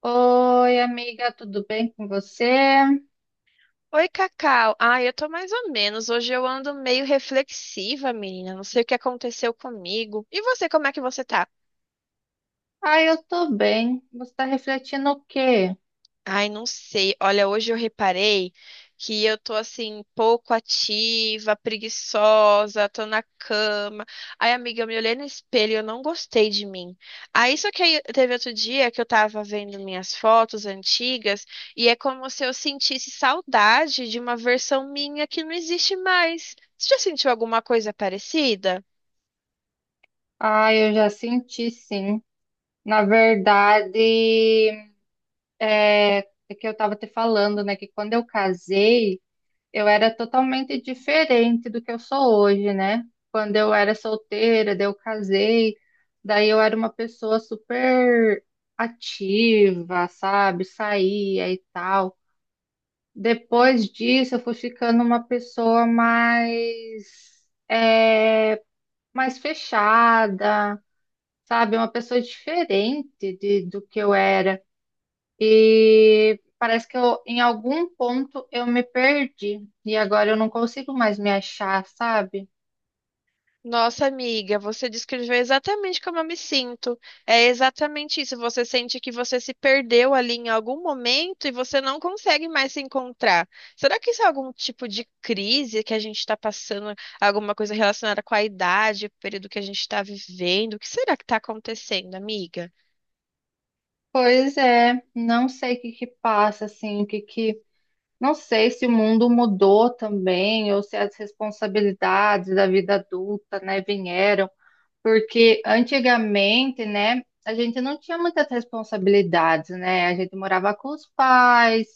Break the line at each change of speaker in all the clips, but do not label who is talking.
Oi, amiga, tudo bem com você?
Oi, Cacau. Ah, eu tô mais ou menos. Hoje eu ando meio reflexiva, menina. Não sei o que aconteceu comigo. E você, como é que você tá?
Ah, eu tô bem. Você tá refletindo o quê?
Ai, não sei. Olha, hoje eu reparei que eu tô assim, pouco ativa, preguiçosa, tô na cama. Ai, amiga, eu me olhei no espelho e eu não gostei de mim. Aí só que aí teve outro dia que eu tava vendo minhas fotos antigas e é como se eu sentisse saudade de uma versão minha que não existe mais. Você já sentiu alguma coisa parecida?
Ah, eu já senti, sim. Na verdade, é, é que eu tava te falando, né, que quando eu casei, eu era totalmente diferente do que eu sou hoje, né? Quando eu era solteira, daí eu casei, daí eu era uma pessoa super ativa, sabe? Saía e tal. Depois disso, eu fui ficando uma pessoa mais, é, mais fechada, sabe? Uma pessoa diferente do que eu era. E parece que em algum ponto eu me perdi. E agora eu não consigo mais me achar, sabe?
Nossa, amiga, você descreveu exatamente como eu me sinto. É exatamente isso. Você sente que você se perdeu ali em algum momento e você não consegue mais se encontrar. Será que isso é algum tipo de crise que a gente está passando? Alguma coisa relacionada com a idade, o período que a gente está vivendo? O que será que está acontecendo, amiga?
Pois é, não sei o que que passa, assim, o que que. Não sei se o mundo mudou também, ou se as responsabilidades da vida adulta, né, vieram. Porque antigamente, né, a gente não tinha muitas responsabilidades, né? A gente morava com os pais,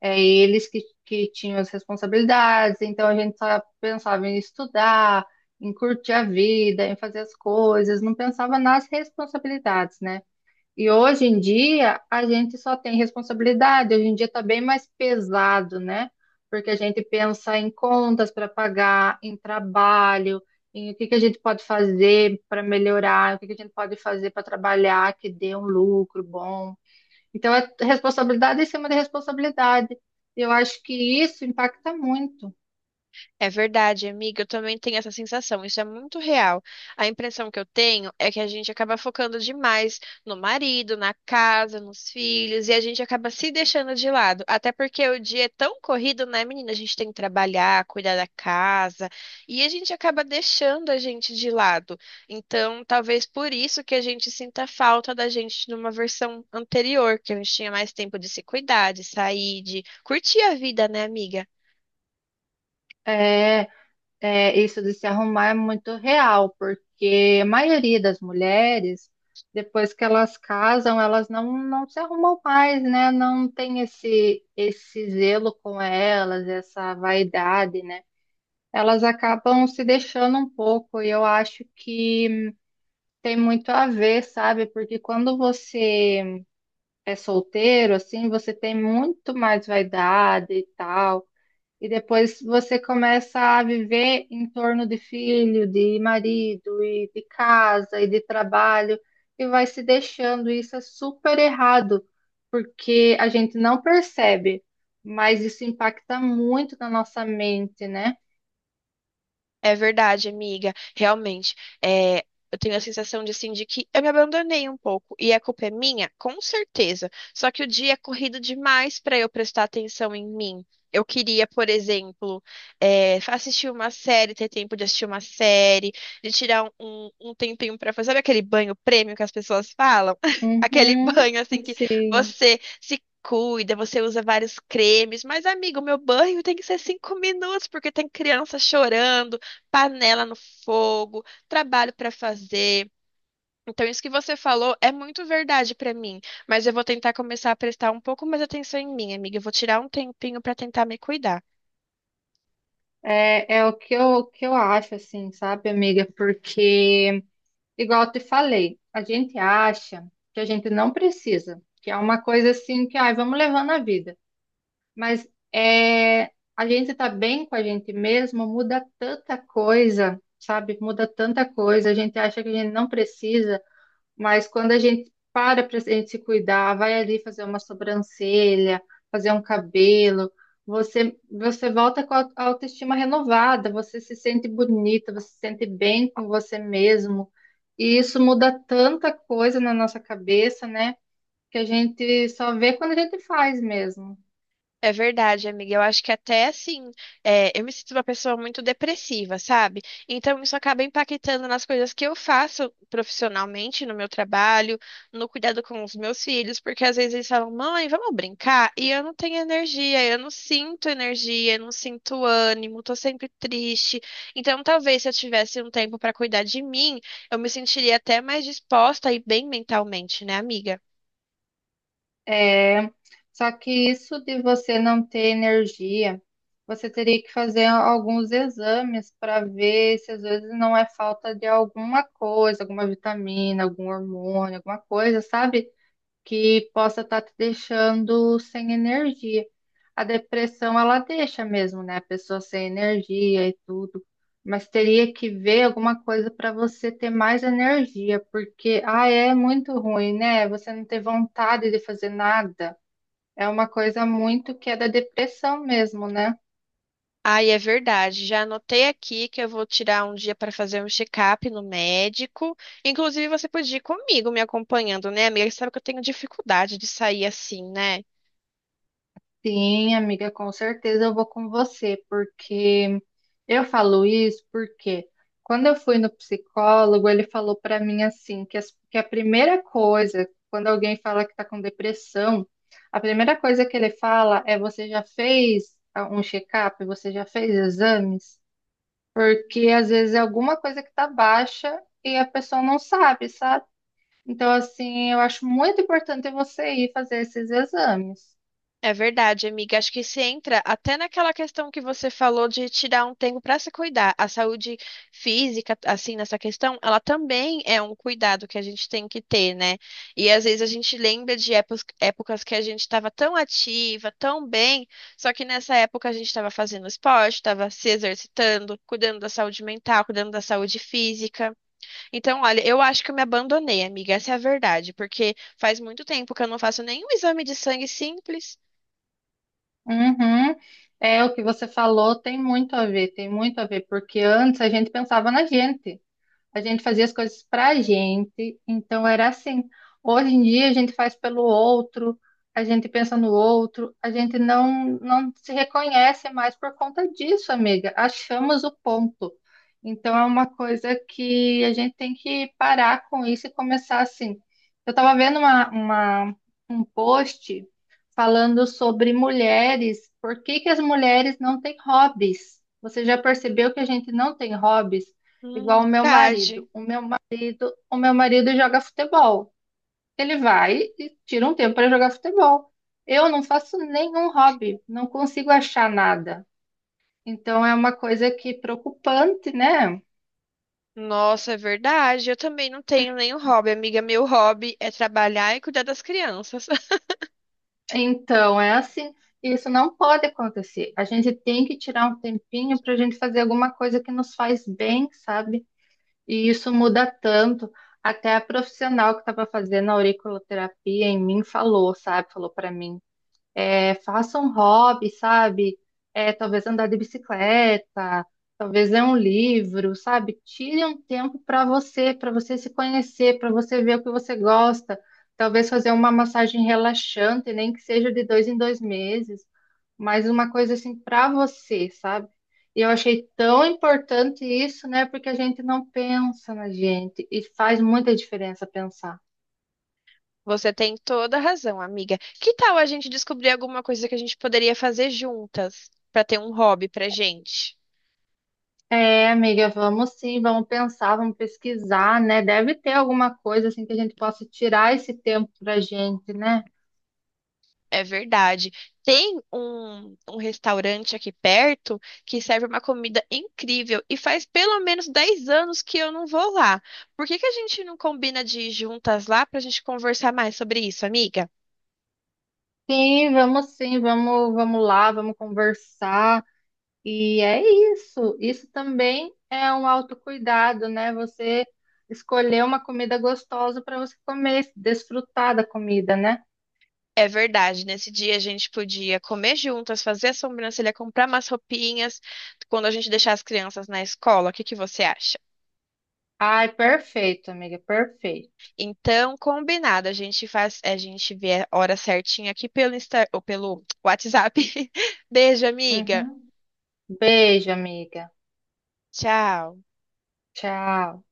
é, eles que tinham as responsabilidades, então a gente só pensava em estudar, em curtir a vida, em fazer as coisas, não pensava nas responsabilidades, né? E hoje em dia a gente só tem responsabilidade, hoje em dia está bem mais pesado, né? Porque a gente pensa em contas para pagar, em trabalho, em o que que a gente pode fazer para melhorar, o que que a gente pode fazer para trabalhar que dê um lucro bom. Então é responsabilidade em cima de responsabilidade. Eu acho que isso impacta muito.
É verdade, amiga. Eu também tenho essa sensação. Isso é muito real. A impressão que eu tenho é que a gente acaba focando demais no marido, na casa, nos filhos, e a gente acaba se deixando de lado. Até porque o dia é tão corrido, né, menina? A gente tem que trabalhar, cuidar da casa, e a gente acaba deixando a gente de lado. Então, talvez por isso que a gente sinta falta da gente numa versão anterior, que a gente tinha mais tempo de se cuidar, de sair, de curtir a vida, né, amiga?
É, isso de se arrumar é muito real, porque a maioria das mulheres, depois que elas casam, elas não, não se arrumam mais, né? Não tem esse zelo com elas, essa vaidade, né? Elas acabam se deixando um pouco, e eu acho que tem muito a ver, sabe? Porque quando você é solteiro, assim, você tem muito mais vaidade e tal. E depois você começa a viver em torno de filho, de marido, e de casa, e de trabalho, e vai se deixando. Isso é super errado, porque a gente não percebe, mas isso impacta muito na nossa mente, né?
É verdade, amiga. Realmente, é, eu tenho a sensação de, assim, de que eu me abandonei um pouco. E a culpa é minha? Com certeza. Só que o dia é corrido demais para eu prestar atenção em mim. Eu queria, por exemplo, assistir uma série, ter tempo de assistir uma série, de tirar um tempinho para fazer. Sabe aquele banho prêmio que as pessoas falam? Aquele
Uhum,
banho, assim, que
sim.
você se cuida, você usa vários cremes. Mas, amigo, meu banho tem que ser 5 minutos, porque tem criança chorando panela no fogo, trabalho para fazer. Então, isso que você falou é muito verdade para mim, mas eu vou tentar começar a prestar um pouco mais atenção em mim, amiga. Eu vou tirar um tempinho para tentar me cuidar.
É, é o que o que eu acho, assim, sabe, amiga? Porque, igual eu te falei, a gente acha que a gente não precisa, que é uma coisa assim que, ai, vamos levando a vida. Mas é, a gente tá bem com a gente mesmo, muda tanta coisa, sabe? Muda tanta coisa. A gente acha que a gente não precisa, mas quando a gente para para a gente se cuidar, vai ali fazer uma sobrancelha, fazer um cabelo, você volta com a a autoestima renovada, você se sente bonita, você se sente bem com você mesmo. E isso muda tanta coisa na nossa cabeça, né? Que a gente só vê quando a gente faz mesmo.
É verdade, amiga. Eu acho que até assim, eu me sinto uma pessoa muito depressiva, sabe? Então isso acaba impactando nas coisas que eu faço profissionalmente, no meu trabalho, no cuidado com os meus filhos, porque às vezes eles falam, mãe, vamos brincar? E eu não tenho energia, eu não sinto energia, eu não sinto ânimo, tô sempre triste. Então talvez se eu tivesse um tempo para cuidar de mim, eu me sentiria até mais disposta e bem mentalmente, né, amiga?
É, só que isso de você não ter energia, você teria que fazer alguns exames para ver se às vezes não é falta de alguma coisa, alguma vitamina, algum hormônio, alguma coisa, sabe? Que possa estar te deixando sem energia. A depressão, ela deixa mesmo, né? A pessoa sem energia e tudo. Mas teria que ver alguma coisa para você ter mais energia, porque, ah, é muito ruim, né? Você não ter vontade de fazer nada. É uma coisa muito que é da depressão mesmo, né?
Ai, é verdade. Já anotei aqui que eu vou tirar um dia para fazer um check-up no médico. Inclusive, você podia ir comigo me acompanhando, né, amiga? Você sabe que eu tenho dificuldade de sair assim, né?
Sim, amiga, com certeza eu vou com você, porque eu falo isso porque quando eu fui no psicólogo, ele falou pra mim assim, que a primeira coisa, quando alguém fala que tá com depressão, a primeira coisa que ele fala é você já fez um check-up, você já fez exames? Porque às vezes é alguma coisa que tá baixa e a pessoa não sabe, sabe? Então, assim, eu acho muito importante você ir fazer esses exames.
É verdade, amiga. Acho que se entra até naquela questão que você falou de tirar um tempo para se cuidar. A saúde física, assim, nessa questão, ela também é um cuidado que a gente tem que ter, né? E às vezes a gente lembra de épocas que a gente estava tão ativa, tão bem, só que nessa época a gente estava fazendo esporte, estava se exercitando, cuidando da saúde mental, cuidando da saúde física. Então, olha, eu acho que eu me abandonei, amiga. Essa é a verdade, porque faz muito tempo que eu não faço nenhum exame de sangue simples.
Uhum. É, o que você falou tem muito a ver, tem muito a ver, porque antes a gente pensava na gente. A gente fazia as coisas pra gente, então era assim. Hoje em dia a gente faz pelo outro, a gente pensa no outro, a gente não se reconhece mais por conta disso, amiga. Achamos o ponto. Então é uma coisa que a gente tem que parar com isso e começar assim. Eu estava vendo um post falando sobre mulheres, por que que as mulheres não têm hobbies? Você já percebeu que a gente não tem hobbies? Igual o meu marido.
Verdade.
O meu marido joga futebol. Ele vai e tira um tempo para jogar futebol. Eu não faço nenhum hobby, não consigo achar nada. Então é uma coisa que preocupante, né?
Nossa, é verdade. Eu também não tenho nenhum hobby, amiga. Meu hobby é trabalhar e cuidar das crianças.
Então é assim, isso não pode acontecer. A gente tem que tirar um tempinho para a gente fazer alguma coisa que nos faz bem, sabe? E isso muda tanto. Até a profissional que estava fazendo a auriculoterapia em mim falou, sabe? Falou para mim. É, faça um hobby, sabe? É, talvez andar de bicicleta, talvez ler um livro, sabe? Tire um tempo para você se conhecer, para você ver o que você gosta. Talvez fazer uma massagem relaxante, nem que seja de dois em dois meses, mas uma coisa assim para você, sabe? E eu achei tão importante isso, né? Porque a gente não pensa na gente e faz muita diferença pensar.
Você tem toda a razão, amiga. Que tal a gente descobrir alguma coisa que a gente poderia fazer juntas para ter um hobby pra gente?
É, amiga, vamos sim, vamos pensar, vamos pesquisar, né? Deve ter alguma coisa assim que a gente possa tirar esse tempo pra gente, né?
É verdade. Tem um restaurante aqui perto que serve uma comida incrível e faz pelo menos 10 anos que eu não vou lá. Por que que a gente não combina de ir juntas lá pra gente conversar mais sobre isso, amiga?
Sim, vamos, vamos lá, vamos conversar. E é isso. Isso também é um autocuidado, né? Você escolher uma comida gostosa para você comer, desfrutar da comida, né?
É verdade, nesse dia a gente podia comer juntas, fazer a sobrancelha, comprar umas roupinhas, quando a gente deixar as crianças na escola, o que que você acha?
Ai, perfeito, amiga, perfeito.
Então, combinado, a gente faz, a gente vê a hora certinha aqui pelo Insta, ou pelo WhatsApp. Beijo, amiga.
Uhum. Beijo, amiga.
Tchau.
Tchau.